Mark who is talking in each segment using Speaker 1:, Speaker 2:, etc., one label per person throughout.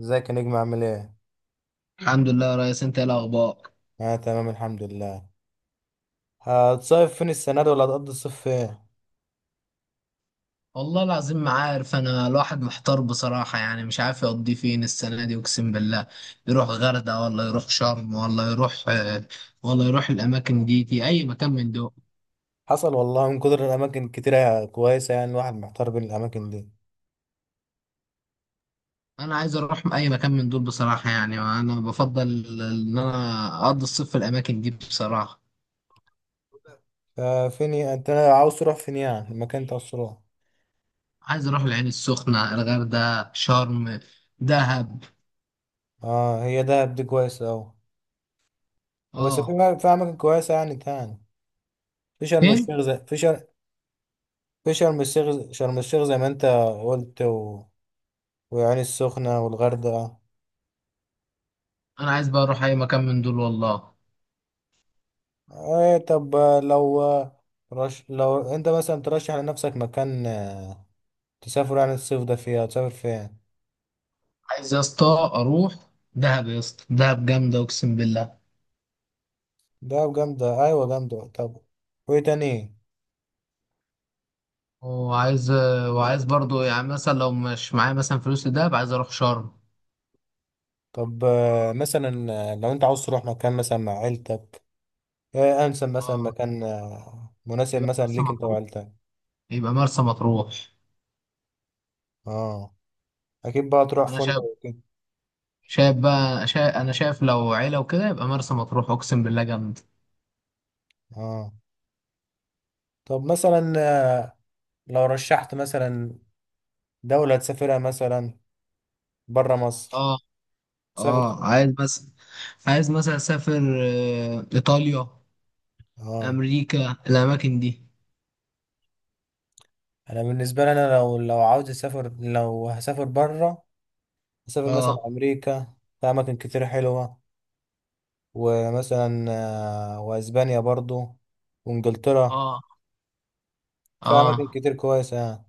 Speaker 1: ازيك يا نجم، عامل ايه؟
Speaker 2: الحمد لله يا ريس، انت ايه الاخبار؟
Speaker 1: اه، تمام الحمد لله. هتصيف فين السنة دي ولا هتقضي الصيف فين؟
Speaker 2: والله العظيم ما عارف، انا الواحد محتار بصراحة، يعني مش عارف يقضي فين السنة دي، اقسم بالله. يروح غردقة ولا يروح شرم ولا يروح ولا يروح الاماكن دي اي مكان من دول.
Speaker 1: حصل والله، من كتر الأماكن كتيرة كويسة يعني الواحد محتار بين الأماكن دي.
Speaker 2: انا عايز اروح اي مكان من دول بصراحة، يعني انا بفضل ان انا اقضي الصيف في الاماكن دي بصراحة.
Speaker 1: ففين انت عاوز تروح فين يعني؟ المكان انت عاوز تروح.
Speaker 2: عايز اروح العين السخنة، الغردقة، شرم، دهب.
Speaker 1: اه، هي دهب دي كويسة أوي. بس
Speaker 2: اه.
Speaker 1: في أماكن كويسة يعني تاني. في شرم
Speaker 2: فين؟
Speaker 1: الشيخ، زي في شر في شرم الشيخ، شرم الشيخ زي ما انت قلت، وعين السخنة والغردقة.
Speaker 2: انا عايز بقى اروح اي مكان من دول والله.
Speaker 1: ايه، طب لو لو انت مثلا ترشح لنفسك مكان تسافر يعني الصيف ده فيها، تسافر فين؟
Speaker 2: عايز يا اسطى اروح دهب، يا اسطى دهب جامده اقسم بالله.
Speaker 1: ده جامدة، أيوة جامدة. طب وإيه تاني؟
Speaker 2: وعايز وعايز برضو يعني مثلا، لو مش معايا مثلا فلوس لدهب، عايز اروح شرم.
Speaker 1: طب مثلا لو أنت عاوز تروح مكان مثلا مع عيلتك، إيه أنسب مثلا
Speaker 2: اه،
Speaker 1: مكان مناسب
Speaker 2: يبقى
Speaker 1: مثلا
Speaker 2: مرسى
Speaker 1: ليك أنت
Speaker 2: مطروح.
Speaker 1: وعيلتك؟
Speaker 2: يبقى مرسى مطروح.
Speaker 1: أه، أكيد بقى تروح
Speaker 2: انا شايف
Speaker 1: فندق وكده.
Speaker 2: شايف بقى شايف انا شايف لو عيله وكده يبقى مرسى مطروح، اقسم بالله جامده.
Speaker 1: أه، طب مثلا لو رشحت مثلا دولة تسافرها، مثلا برا مصر،
Speaker 2: اه،
Speaker 1: تسافر فين؟
Speaker 2: اه، عايز بس. عايز مثلا اسافر ايطاليا،
Speaker 1: أه،
Speaker 2: امريكا، الاماكن دي.
Speaker 1: أنا بالنسبة لي أنا، لو عاوز أسافر، لو هسافر برا أسافر مثلا
Speaker 2: اه،
Speaker 1: أمريكا. في أماكن كتير حلوة، ومثلا واسبانيا برضو وانجلترا.
Speaker 2: اه،
Speaker 1: في اماكن
Speaker 2: اه،
Speaker 1: كتير كويسه يعني.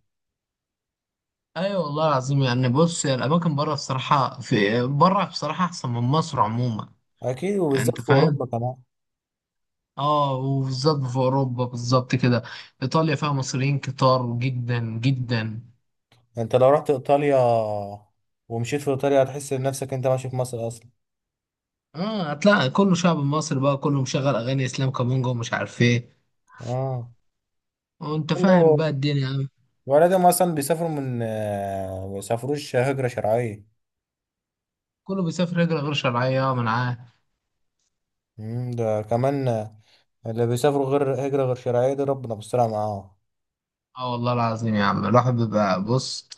Speaker 2: ايوه والله العظيم. يعني بص، هي الاماكن بره بصراحه، في بره بصراحه احسن من مصر عموما.
Speaker 1: اكيد،
Speaker 2: يعني
Speaker 1: وبالذات
Speaker 2: انت
Speaker 1: في
Speaker 2: فاهم.
Speaker 1: اوروبا كمان.
Speaker 2: اه، وبالظبط في اوروبا بالظبط كده. ايطاليا فيها مصريين كتار جدا جدا.
Speaker 1: انت لو رحت ايطاليا ومشيت في ايطاليا هتحس نفسك انت ماشي في مصر اصلا.
Speaker 2: اه، هتلاقي كله شعب مصري بقى، كله مشغل اغاني اسلام كامونجا ومش عارف ايه.
Speaker 1: اه،
Speaker 2: وانت فاهم
Speaker 1: كله.
Speaker 2: بقى الدنيا يعني.
Speaker 1: ولادهم اصلا بيسافروا من ما بيسافروش هجره شرعيه.
Speaker 2: كله بيسافر هجره غير شرعيه من معاه.
Speaker 1: ده كمان اللي بيسافروا غير هجره غير شرعيه دي، ربنا بيسترها معاهم.
Speaker 2: اه والله العظيم يا عم، الواحد بيبقى بص،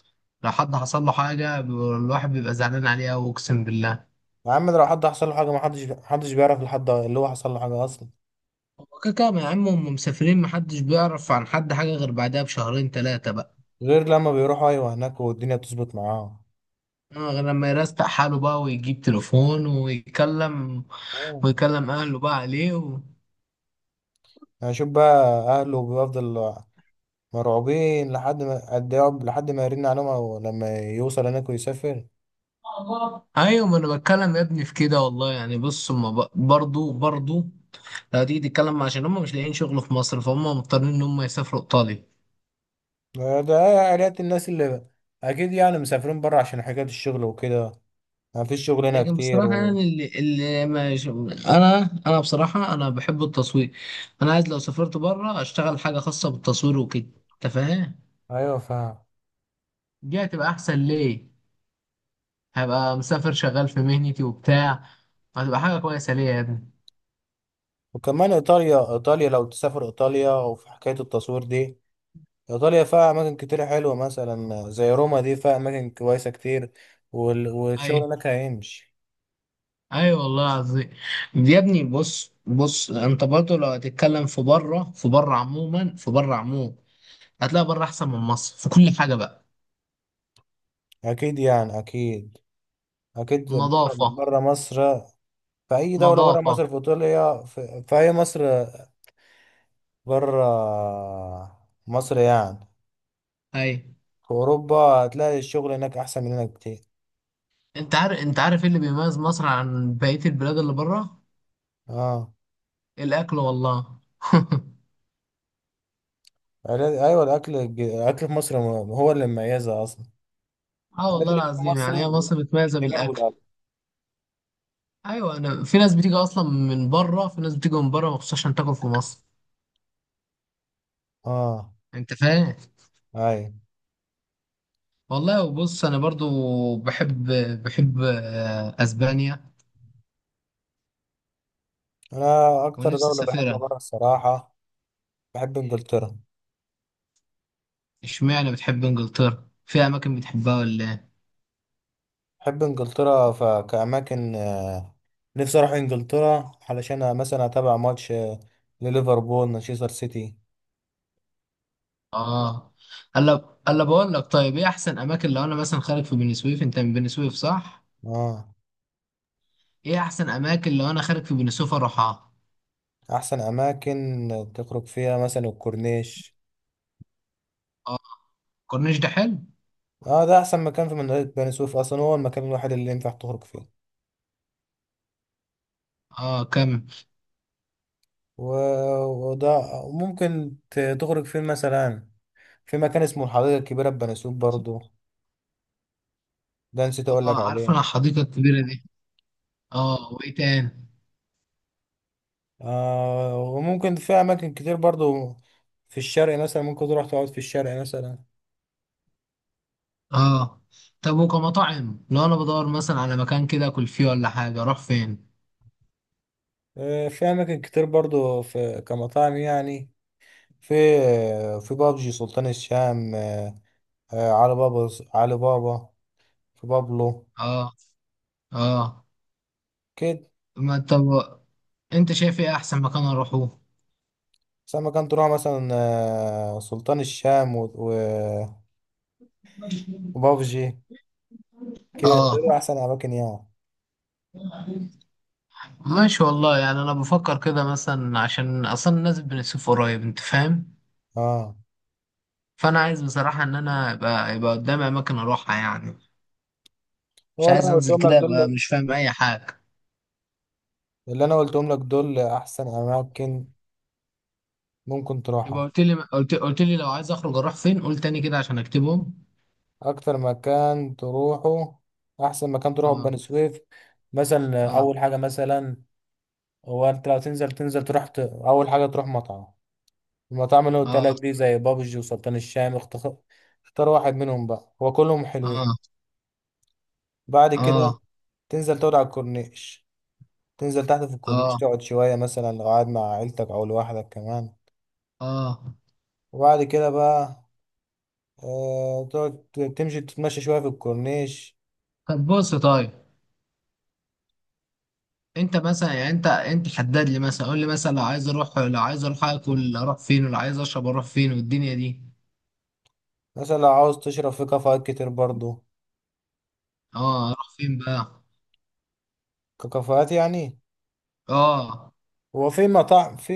Speaker 2: لو حد حصل له حاجه الواحد بيبقى زعلان عليه أوي اقسم بالله.
Speaker 1: يا عم، ده لو حد حصل له حاجه، ما حدش بيعرف لحد اللي هو حصل له حاجه اصلا.
Speaker 2: هو كده كده يا عم، هم مسافرين، محدش بيعرف عن حد حاجة غير بعدها بشهرين تلاتة بقى.
Speaker 1: غير لما بيروحوا، ايوه، هناك والدنيا بتظبط معاهم.
Speaker 2: غير لما يرستق حاله بقى ويجيب تليفون ويتكلم،
Speaker 1: آه.
Speaker 2: ويكلم أهله بقى عليه و...
Speaker 1: هشوف بقى. اهله بيفضل مرعوبين لحد ما قد إيه لحد ما يرن عليهم او لما يوصل هناك ويسافر.
Speaker 2: أيوة، ما أنا بتكلم يا ابني في كده والله. يعني بص، هما برضو لو تيجي تتكلم، عشان هم مش لاقيين شغل في مصر، فهم مضطرين إن هم يسافروا إيطاليا.
Speaker 1: ده عائلات الناس اللي، اكيد يعني مسافرين بره عشان حكاية الشغل وكده. ما فيش شغل هنا
Speaker 2: لكن
Speaker 1: كتير
Speaker 2: بصراحة يعني اللي ما ش- أنا بصراحة أنا بحب التصوير. أنا عايز لو سافرت بره أشتغل حاجة خاصة بالتصوير وكده. أنت فاهم؟
Speaker 1: ايوه فاهم.
Speaker 2: دي هتبقى احسن ليه، هبقى مسافر شغال في مهنتي وبتاع، هتبقى حاجه كويسه ليه يا ابني.
Speaker 1: وكمان ايطاليا، ايطاليا لو تسافر ايطاليا وفي حكاية التصوير دي، ايطاليا فيها اماكن كتير حلوة مثلا زي روما دي، فيها اماكن كويسة كتير. والشغل
Speaker 2: ايوه،
Speaker 1: هناك هيمشي
Speaker 2: ايوه والله العظيم. يا ابني بص بص، انت برضه لو هتتكلم في بره عموما هتلاقي بره احسن من مصر في كل حاجه بقى.
Speaker 1: اكيد يعني، اكيد. اكيد بره،
Speaker 2: نظافه.
Speaker 1: بره مصر. في اي دوله بره
Speaker 2: نظافه.
Speaker 1: مصر، في ايطاليا، في اي مصر، بره مصر يعني.
Speaker 2: ايوه،
Speaker 1: في اوروبا هتلاقي الشغل هناك احسن من هنا كتير.
Speaker 2: انت عارف ايه اللي بيميز مصر عن بقيه البلاد اللي بره؟
Speaker 1: اه.
Speaker 2: الاكل والله
Speaker 1: ايوه، الاكل، الاكل في مصر، هو اللي مميزها اصلا.
Speaker 2: اه
Speaker 1: الحاجات
Speaker 2: والله
Speaker 1: اللي بره
Speaker 2: العظيم،
Speaker 1: مصر،
Speaker 2: يعني هي مصر متميزه
Speaker 1: اللي جربوا
Speaker 2: بالاكل.
Speaker 1: الاكل.
Speaker 2: ايوه، انا في ناس بتيجي اصلا من بره، في ناس بتيجي من بره مخصوص عشان تاكل في مصر.
Speaker 1: اه،
Speaker 2: انت فاهم؟
Speaker 1: ايوه.
Speaker 2: والله. وبص انا برضو بحب بحب اسبانيا،
Speaker 1: انا اكتر
Speaker 2: ونفسي
Speaker 1: دوله
Speaker 2: اسافرها.
Speaker 1: بحبها بره الصراحه، بحب انجلترا.
Speaker 2: اشمعنى بتحب انجلترا؟ في اماكن بتحبها ولا ايه؟
Speaker 1: بحب انجلترا كاماكن. نفسي اروح انجلترا علشان مثلا اتابع ماتش لليفربول، مانشستر سيتي.
Speaker 2: اه، الا بقول لك، طيب ايه احسن اماكن لو انا مثلا خارج في بني سويف؟ انت من بني سويف صح؟
Speaker 1: اه.
Speaker 2: ايه احسن اماكن لو انا خارج في بني سويف اروحها؟
Speaker 1: احسن اماكن تخرج فيها مثلا الكورنيش.
Speaker 2: اه، الكورنيش ده حلو.
Speaker 1: اه، ده احسن مكان في منطقه بني سويف اصلا، هو المكان الوحيد اللي ينفع تخرج فيه.
Speaker 2: اه، كم؟
Speaker 1: و... وده ممكن تخرج فيه مثلا. في مكان اسمه الحديقه الكبيره في بني سويف برضو، ده نسيت اقول لك
Speaker 2: اه، عارف
Speaker 1: عليه.
Speaker 2: انا الحديقه الكبيره دي. اه، وايه تاني؟
Speaker 1: آه، وممكن في اماكن كتير برضو. في الشرق مثلا، ممكن تروح تقعد في الشرق مثلا.
Speaker 2: اه، طب وكمطاعم لو انا بدور مثلا على مكان كده اكل فيه ولا حاجه، اروح فين؟
Speaker 1: آه، في اماكن كتير برضو في كمطاعم يعني. في، في بابجي، سلطان الشام، علي بابا. علي بابا. في بابلو.
Speaker 2: اه، اه،
Speaker 1: كده.
Speaker 2: ما طب، انت شايف ايه احسن مكان اروحه؟
Speaker 1: سما كان تروح مثلا سلطان الشام وبابجي. كده،
Speaker 2: اه
Speaker 1: دول احسن اماكن يعني.
Speaker 2: ماشي والله، يعني انا بفكر كده مثلا عشان اصلا الناس بنسوف قريب، انت فاهم؟
Speaker 1: اه،
Speaker 2: فانا عايز بصراحه ان انا يبقى قدامي اماكن اروحها يعني. مش
Speaker 1: هو اللي
Speaker 2: عايز
Speaker 1: انا
Speaker 2: انزل
Speaker 1: قلتهم لك
Speaker 2: كده ابقى
Speaker 1: دول.
Speaker 2: مش فاهم اي حاجه.
Speaker 1: اللي انا قلتهم لك دول احسن اماكن ممكن
Speaker 2: يبقى
Speaker 1: تروحها.
Speaker 2: قلت لي لو عايز اخرج اروح فين، قول تاني كده عشان اكتبهم.
Speaker 1: اكتر مكان تروحه، احسن مكان تروحه في
Speaker 2: اه،
Speaker 1: بني سويف، مثلا
Speaker 2: اه،
Speaker 1: اول حاجه مثلا، هو انت لو تنزل، تنزل تروح اول حاجه تروح مطعم. المطاعم اللي قلت
Speaker 2: اه،
Speaker 1: لك دي زي بابجي وسلطان الشام، اختار واحد منهم بقى، هو كلهم حلوين.
Speaker 2: اه،
Speaker 1: بعد كده
Speaker 2: اه،
Speaker 1: تنزل تقعد على الكورنيش، تنزل تحت في الكورنيش،
Speaker 2: اه،
Speaker 1: تقعد شوية، مثلا لو قاعد مع عيلتك أو لوحدك كمان.
Speaker 2: اه.
Speaker 1: وبعد كده بقى تقعد، تمشي تتمشى شوية في الكورنيش.
Speaker 2: طب بص، طيب انت مثلا يعني انت حدد لي مثلا، قول لي مثلا لو عايز اروح اكل اروح فين، ولو عايز اشرب اروح فين والدنيا دي.
Speaker 1: مثلا لو عاوز تشرب، في كافيهات كتير برضو،
Speaker 2: اه، اروح فين بقى؟
Speaker 1: كافيهات يعني.
Speaker 2: اه،
Speaker 1: هو في مطاعم، في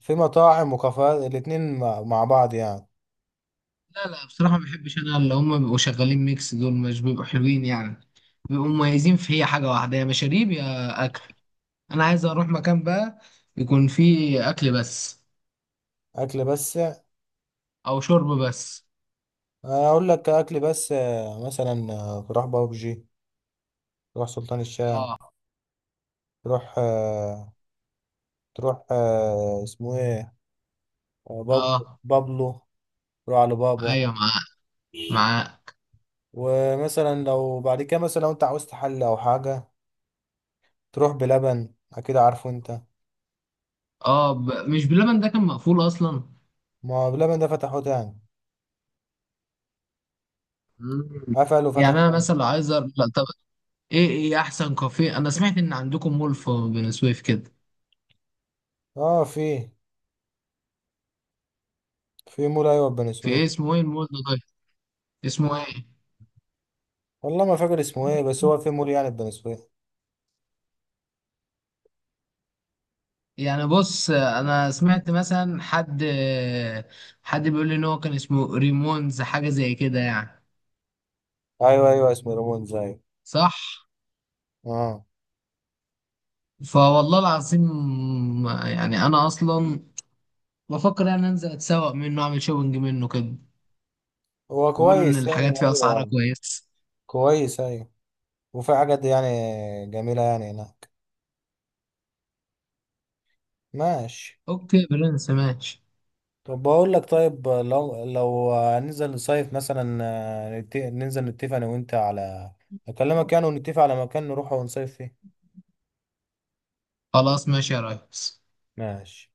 Speaker 1: في مطاعم وكافيهات الاتنين مع بعض يعني.
Speaker 2: لا لا بصراحة ما بحبش انا اللي هم بيبقوا شغالين ميكس، دول مش بيبقوا حلوين يعني. بيبقوا مميزين في هي حاجة واحدة، يا مشاريب يا اكل. انا عايز اروح مكان بقى يكون فيه اكل بس،
Speaker 1: أكل بس؟
Speaker 2: او شرب بس.
Speaker 1: أنا أقول لك أكل بس مثلا تروح بابجي، تروح سلطان الشام،
Speaker 2: اه،
Speaker 1: تروح تروح اسمه إيه، بابلو،
Speaker 2: اه،
Speaker 1: بابلو. روح على بابا.
Speaker 2: ايوه. معاه، معاه.
Speaker 1: ومثلا لو بعد كده مثلا، لو انت عاوزت حل او حاجة، تروح بلبن، اكيد عارفه انت.
Speaker 2: اه، مش باللبن ده كان مقفول اصلا؟
Speaker 1: ما هو بلبن ده فتحوه تاني،
Speaker 2: مم.
Speaker 1: قفل وفتح
Speaker 2: يعني انا
Speaker 1: تاني.
Speaker 2: مثلا لو عايز لا طب، ايه احسن كافيه؟ انا سمعت ان عندكم مول في بني سويف كده.
Speaker 1: اه، في في مول، ايوه، في بني
Speaker 2: في
Speaker 1: سويف.
Speaker 2: ايه؟ اسمه ايه المول ده طيب؟ اسمه ايه؟
Speaker 1: والله ما فاكر اسمه ايه، بس هو في مول يعني في بني سويف.
Speaker 2: يعني بص انا سمعت مثلا حد بيقول لي ان هو كان اسمه ريمونز، حاجه زي كده يعني.
Speaker 1: ايوه ايوه، اسمه ريمون زي.
Speaker 2: صح؟
Speaker 1: اه،
Speaker 2: فوالله العظيم، يعني انا اصلا بفكر ان أنا انزل اتسوق منه اعمل شوبنج منه كده.
Speaker 1: هو
Speaker 2: بيقولوا ان
Speaker 1: كويس يعني،
Speaker 2: الحاجات فيه اسعارها
Speaker 1: ايوه.
Speaker 2: كويسه.
Speaker 1: كويس، ايوه. وفي حاجات يعني جميلة يعني هناك. ماشي.
Speaker 2: اوكي برنس ماشي.
Speaker 1: طب بقول لك، طيب لو، لو هننزل نصيف مثلا ننزل نتفق انا وانت على، اكلمك يعني ونتفق على مكان نروح ونصيف فيه.
Speaker 2: خلاص ماشي يا ريس.
Speaker 1: ماشي.